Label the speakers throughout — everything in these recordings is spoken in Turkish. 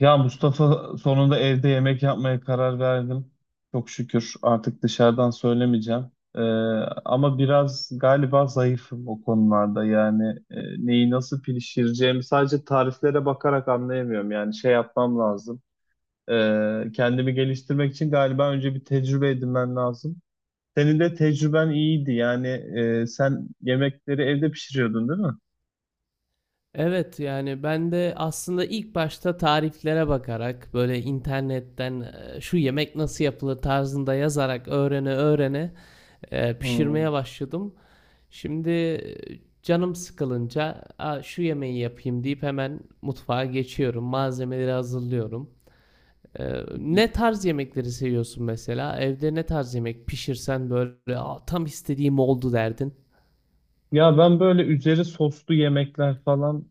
Speaker 1: Ya Mustafa sonunda evde yemek yapmaya karar verdim. Çok şükür artık dışarıdan söylemeyeceğim. Ee, Ama biraz galiba zayıfım o konularda. Yani neyi nasıl pişireceğimi sadece tariflere bakarak anlayamıyorum. Yani şey yapmam lazım. Kendimi geliştirmek için galiba önce bir tecrübe edinmen lazım. Senin de tecrüben iyiydi. Yani sen yemekleri evde pişiriyordun, değil mi?
Speaker 2: Evet yani ben de aslında ilk başta tariflere bakarak böyle internetten şu yemek nasıl yapılır tarzında yazarak öğrene öğrene
Speaker 1: Hmm.
Speaker 2: pişirmeye başladım. Şimdi canım sıkılınca "Aa, şu yemeği yapayım deyip hemen mutfağa geçiyorum. Malzemeleri hazırlıyorum. E, ne tarz yemekleri seviyorsun mesela? Evde ne tarz yemek pişirsen böyle "Aa, tam istediğim oldu derdin.
Speaker 1: Ya ben böyle üzeri soslu yemekler falan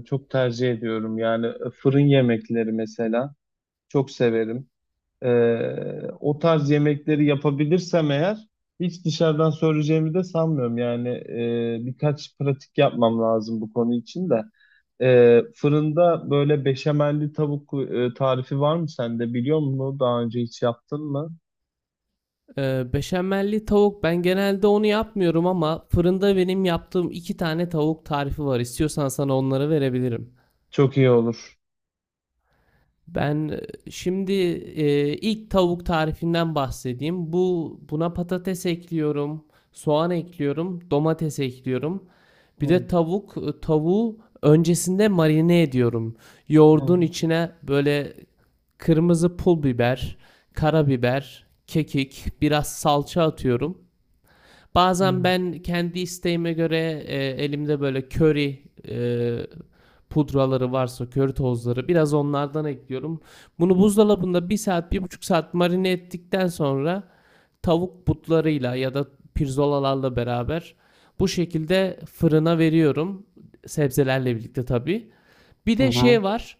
Speaker 1: çok tercih ediyorum. Yani fırın yemekleri mesela çok severim. E, O tarz yemekleri yapabilirsem eğer hiç dışarıdan söyleyeceğimi de sanmıyorum. Yani birkaç pratik yapmam lazım bu konu için de. Fırında böyle beşamelli tavuk tarifi var mı sende biliyor musun? Daha önce hiç yaptın mı?
Speaker 2: Beşamelli tavuk ben genelde onu yapmıyorum ama fırında benim yaptığım 2 tane tavuk tarifi var. İstiyorsan sana onları verebilirim.
Speaker 1: Çok iyi olur.
Speaker 2: Ben şimdi ilk tavuk tarifinden bahsedeyim. Bu buna patates ekliyorum, soğan ekliyorum, domates ekliyorum. Bir de
Speaker 1: Hı
Speaker 2: tavuk tavuğu öncesinde marine ediyorum. Yoğurdun
Speaker 1: hı
Speaker 2: içine böyle kırmızı pul biber, karabiber, kekik, biraz salça atıyorum. Bazen
Speaker 1: hı.
Speaker 2: ben kendi isteğime göre, elimde böyle köri, pudraları varsa köri tozları biraz onlardan ekliyorum. Bunu buzdolabında bir saat, 1,5 saat marine ettikten sonra tavuk butlarıyla ya da pirzolalarla beraber bu şekilde fırına veriyorum. Sebzelerle birlikte tabii. Bir de
Speaker 1: Aha.
Speaker 2: şey var.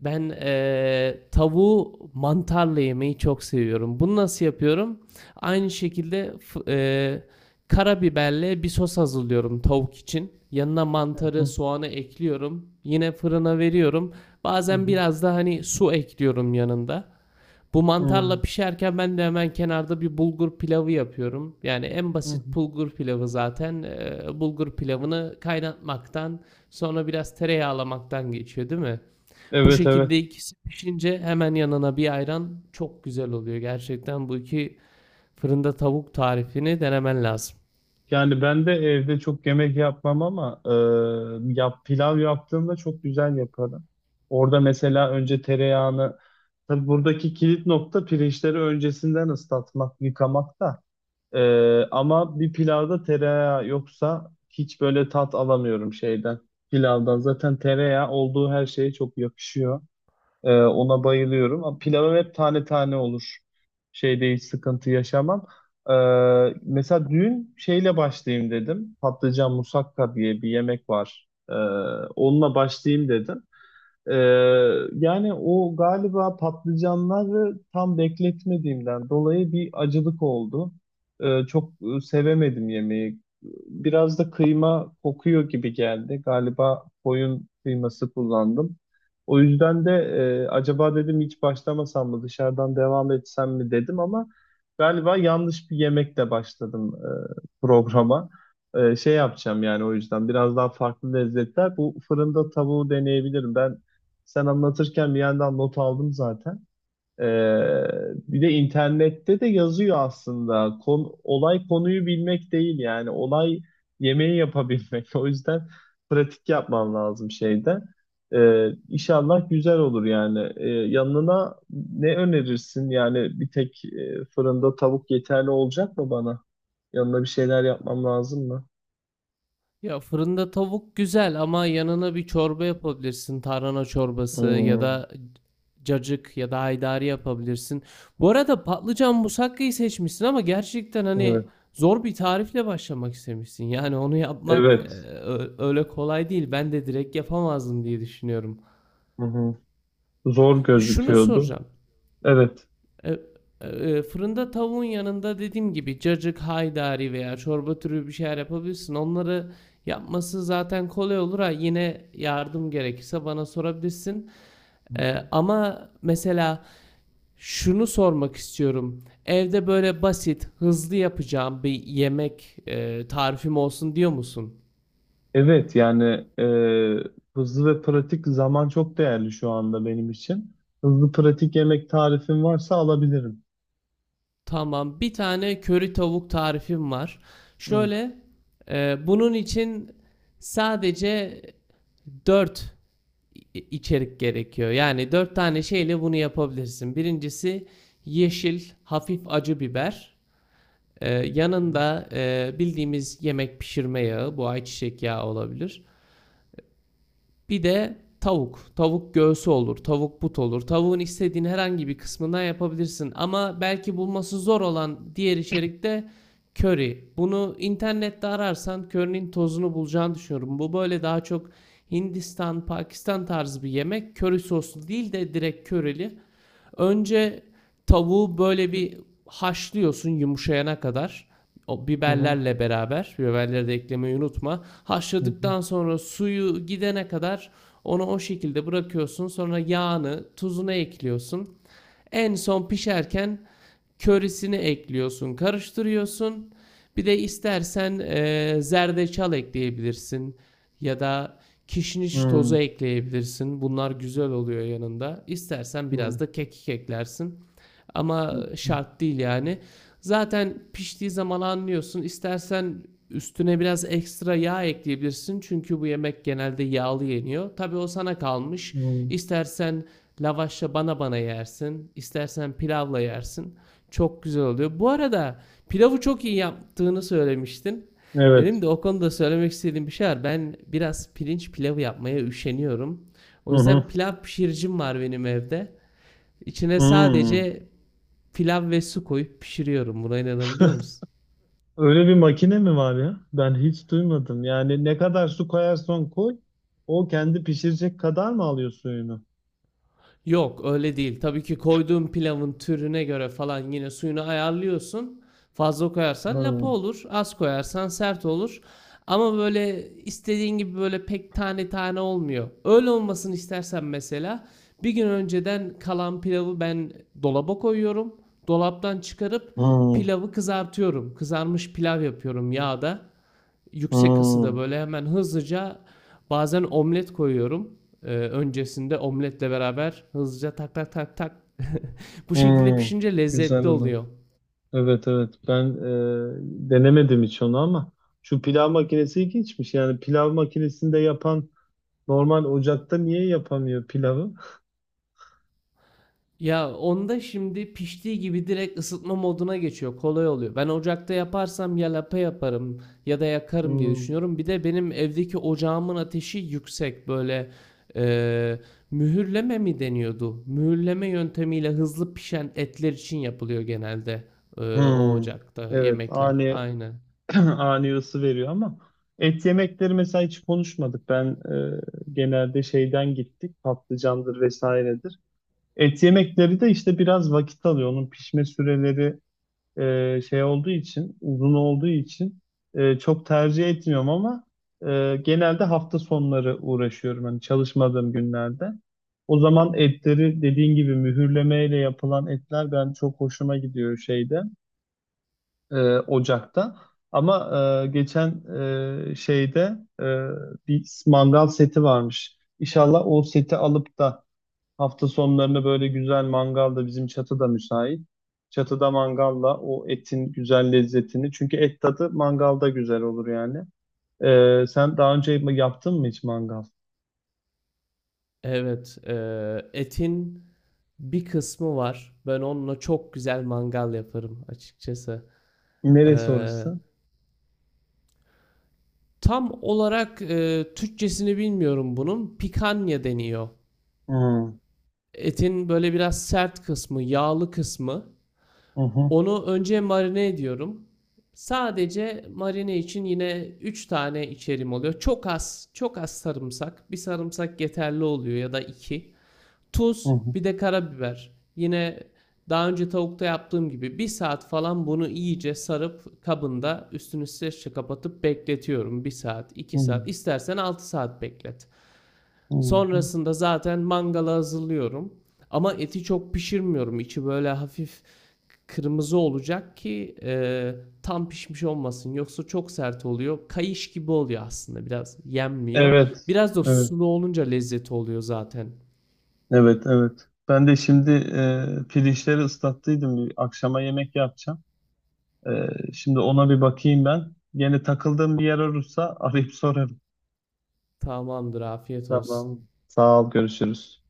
Speaker 2: Ben tavuğu mantarla yemeyi çok seviyorum. Bunu nasıl yapıyorum? Aynı şekilde karabiberle bir sos hazırlıyorum tavuk için. Yanına
Speaker 1: Hı
Speaker 2: mantarı,
Speaker 1: hı
Speaker 2: soğanı ekliyorum. Yine fırına veriyorum. Bazen
Speaker 1: hı
Speaker 2: biraz da hani su ekliyorum yanında. Bu
Speaker 1: hı.
Speaker 2: mantarla pişerken ben de hemen kenarda bir bulgur pilavı yapıyorum. Yani en
Speaker 1: Hı hı.
Speaker 2: basit bulgur pilavı zaten. Bulgur pilavını kaynatmaktan, sonra biraz tereyağlamaktan geçiyor, değil mi? Bu
Speaker 1: Evet evet.
Speaker 2: şekilde ikisi pişince hemen yanına bir ayran çok güzel oluyor. Gerçekten bu iki fırında tavuk tarifini denemen lazım.
Speaker 1: Yani ben de evde çok yemek yapmam ama pilav yaptığımda çok güzel yaparım. Orada mesela önce tereyağını tabii buradaki kilit nokta pirinçleri öncesinden ıslatmak, yıkamak da. Ama bir pilavda tereyağı yoksa hiç böyle tat alamıyorum şeyden. Pilavdan zaten tereyağı olduğu her şeye çok yakışıyor. Ona bayılıyorum. Ama pilavım hep tane tane olur. Şeyde hiç sıkıntı yaşamam. Ee, Mesela dün şeyle başlayayım dedim. Patlıcan musakka diye bir yemek var. Onunla başlayayım dedim. Ee, Yani o galiba patlıcanları tam bekletmediğimden dolayı bir acılık oldu. Çok sevemedim yemeği. Biraz da kıyma kokuyor gibi geldi. Galiba koyun kıyması kullandım. O yüzden de acaba dedim hiç başlamasam mı dışarıdan devam etsem mi dedim ama galiba yanlış bir yemekle başladım programa. Şey yapacağım yani o yüzden biraz daha farklı lezzetler. Bu fırında tavuğu deneyebilirim. Ben sen anlatırken bir yandan not aldım zaten. Ee, Bir de internette de yazıyor aslında. Olay konuyu bilmek değil yani. Olay yemeği yapabilmek. O yüzden pratik yapman lazım şeyde. İnşallah güzel olur yani. Yanına ne önerirsin? Yani bir tek fırında tavuk yeterli olacak mı bana? Yanına bir şeyler yapmam lazım mı?
Speaker 2: Ya fırında tavuk güzel ama yanına bir çorba yapabilirsin. Tarhana çorbası ya
Speaker 1: Hmm,
Speaker 2: da cacık ya da haydari yapabilirsin. Bu arada patlıcan musakkayı seçmişsin ama gerçekten
Speaker 1: evet.
Speaker 2: hani zor bir tarifle başlamak istemişsin. Yani onu yapmak
Speaker 1: Evet.
Speaker 2: öyle kolay değil. Ben de direkt yapamazdım diye düşünüyorum.
Speaker 1: Hı hı. Zor
Speaker 2: Şunu
Speaker 1: gözüküyordu.
Speaker 2: soracağım.
Speaker 1: Evet.
Speaker 2: E, fırında tavuğun yanında dediğim gibi cacık, haydari veya çorba türü bir şeyler yapabilirsin. Onları yapması zaten kolay olur ha. Yine yardım gerekirse bana sorabilirsin.
Speaker 1: Hı hı.
Speaker 2: Ama mesela şunu sormak istiyorum. Evde böyle basit, hızlı yapacağım bir yemek tarifim olsun diyor musun?
Speaker 1: Evet yani hızlı ve pratik zaman çok değerli şu anda benim için. Hızlı pratik yemek tarifin varsa alabilirim.
Speaker 2: Tamam. Bir tane köri tavuk tarifim var.
Speaker 1: Hı
Speaker 2: Şöyle, bunun için sadece 4 içerik gerekiyor. Yani 4 tane şeyle bunu yapabilirsin. Birincisi yeşil hafif acı biber.
Speaker 1: hı
Speaker 2: Yanında bildiğimiz yemek pişirme yağı, bu ayçiçek yağı olabilir. Bir de tavuk. Tavuk göğsü olur, tavuk but olur. Tavuğun istediğin herhangi bir kısmından yapabilirsin. Ama belki bulması zor olan diğer içerikte köri. Bunu internette ararsan körinin tozunu bulacağını düşünüyorum. Bu böyle daha çok Hindistan, Pakistan tarzı bir yemek. Köri soslu değil de direkt körili. Önce tavuğu böyle bir haşlıyorsun yumuşayana kadar. O
Speaker 1: hı hı
Speaker 2: biberlerle beraber biberleri de eklemeyi unutma. Haşladıktan sonra suyu gidene kadar onu o şekilde bırakıyorsun. Sonra yağını, tuzunu ekliyorsun. En son pişerken körisini ekliyorsun, karıştırıyorsun. Bir de istersen zerdeçal ekleyebilirsin ya da kişniş tozu
Speaker 1: hı
Speaker 2: ekleyebilirsin. Bunlar güzel oluyor yanında. İstersen
Speaker 1: hı
Speaker 2: biraz da kekik eklersin. Ama
Speaker 1: hı
Speaker 2: şart değil yani. Zaten piştiği zaman anlıyorsun. İstersen üstüne biraz ekstra yağ ekleyebilirsin. Çünkü bu yemek genelde yağlı yeniyor. Tabii o sana kalmış.
Speaker 1: hı.
Speaker 2: İstersen lavaşla bana bana yersin. İstersen pilavla yersin. Çok güzel oluyor. Bu arada pilavı çok iyi yaptığını söylemiştin.
Speaker 1: Evet.
Speaker 2: Benim de o konuda söylemek istediğim bir şey var. Ben biraz pirinç pilavı yapmaya üşeniyorum. O
Speaker 1: Hı
Speaker 2: yüzden
Speaker 1: hı.
Speaker 2: pilav pişiricim var benim evde. İçine
Speaker 1: Hı.
Speaker 2: sadece pilav ve su koyup pişiriyorum. Buna inanabiliyor musun?
Speaker 1: Öyle bir makine mi var ya? Ben hiç duymadım. Yani ne kadar su koyarsan koy, o kendi pişirecek kadar mı alıyor suyunu?
Speaker 2: Yok öyle değil. Tabii ki koyduğun pilavın türüne göre falan yine suyunu ayarlıyorsun. Fazla
Speaker 1: Hı
Speaker 2: koyarsan lapa olur. Az koyarsan sert olur. Ama böyle istediğin gibi böyle pek tane tane olmuyor. Öyle olmasını istersen mesela bir gün önceden kalan pilavı ben dolaba koyuyorum. Dolaptan çıkarıp
Speaker 1: hı
Speaker 2: pilavı kızartıyorum. Kızarmış pilav yapıyorum yağda. Yüksek ısıda
Speaker 1: hı
Speaker 2: böyle hemen hızlıca bazen omlet koyuyorum. Öncesinde omletle beraber hızlıca tak tak tak tak. Bu şekilde
Speaker 1: hı.
Speaker 2: pişince
Speaker 1: Güzel
Speaker 2: lezzetli
Speaker 1: olur.
Speaker 2: oluyor.
Speaker 1: Evet evet ben denemedim hiç onu ama Şu pilav makinesi ilginçmiş. Yani pilav makinesinde yapan normal ocakta niye yapamıyor pilavı?
Speaker 2: Ya onda şimdi piştiği gibi direkt ısıtma moduna geçiyor. Kolay oluyor. Ben ocakta yaparsam ya lapa yaparım ya da yakarım diye
Speaker 1: Hmm.
Speaker 2: düşünüyorum. Bir de benim evdeki ocağımın ateşi yüksek. Böyle eee, mühürleme mi deniyordu? Mühürleme yöntemiyle hızlı pişen etler için yapılıyor genelde o
Speaker 1: Hmm.
Speaker 2: ocakta
Speaker 1: Evet
Speaker 2: yemekler. Aynen.
Speaker 1: ani ısı veriyor ama et yemekleri mesela hiç konuşmadık. Ben e, genelde şeyden gittik patlıcandır vesairedir. Et yemekleri de işte biraz vakit alıyor. Onun pişme süreleri şey olduğu için, uzun olduğu için çok tercih etmiyorum ama genelde hafta sonları uğraşıyorum hani çalışmadığım günlerde. O zaman etleri dediğin gibi mühürlemeyle yapılan etler ben çok hoşuma gidiyor şeyde, ocakta. Ama geçen şeyde bir mangal seti varmış. İnşallah o seti alıp da hafta sonlarını böyle güzel mangalda bizim çatıda müsait. Çatıda mangalla o etin güzel lezzetini. Çünkü et tadı mangalda güzel olur yani. Sen daha önce yaptın mı hiç mangal?
Speaker 2: Evet. Etin bir kısmı var. Ben onunla çok güzel mangal yaparım açıkçası. E,
Speaker 1: Neresi orası?
Speaker 2: Tam olarak Türkçesini bilmiyorum bunun. Pikanya deniyor.
Speaker 1: Hmm,
Speaker 2: Etin böyle biraz sert kısmı, yağlı kısmı.
Speaker 1: Hı hı,
Speaker 2: Onu önce marine ediyorum. Sadece marine için yine 3 tane içerim oluyor. Çok az, çok az sarımsak. Bir sarımsak yeterli oluyor ya da 2.
Speaker 1: hı
Speaker 2: Tuz,
Speaker 1: hı,
Speaker 2: bir de karabiber. Yine daha önce tavukta yaptığım gibi bir saat falan bunu iyice sarıp kabında üstünü streçle kapatıp bekletiyorum. Bir saat,
Speaker 1: hı
Speaker 2: iki
Speaker 1: hı,
Speaker 2: saat, istersen 6 saat beklet.
Speaker 1: hı. Hı.
Speaker 2: Sonrasında zaten mangala hazırlıyorum. Ama eti çok pişirmiyorum. İçi böyle hafif kırmızı olacak ki tam pişmiş olmasın. Yoksa çok sert oluyor. Kayış gibi oluyor aslında biraz yenmiyor.
Speaker 1: Evet,
Speaker 2: Biraz da
Speaker 1: evet,
Speaker 2: sulu olunca lezzeti oluyor zaten.
Speaker 1: evet, evet. Ben de şimdi pirinçleri ıslattıydım. Bir akşama yemek yapacağım. E, Şimdi ona bir bakayım ben. Yine takıldığım bir yer olursa arayıp sorarım.
Speaker 2: Tamamdır afiyet olsun.
Speaker 1: Tamam. Sağ ol, görüşürüz.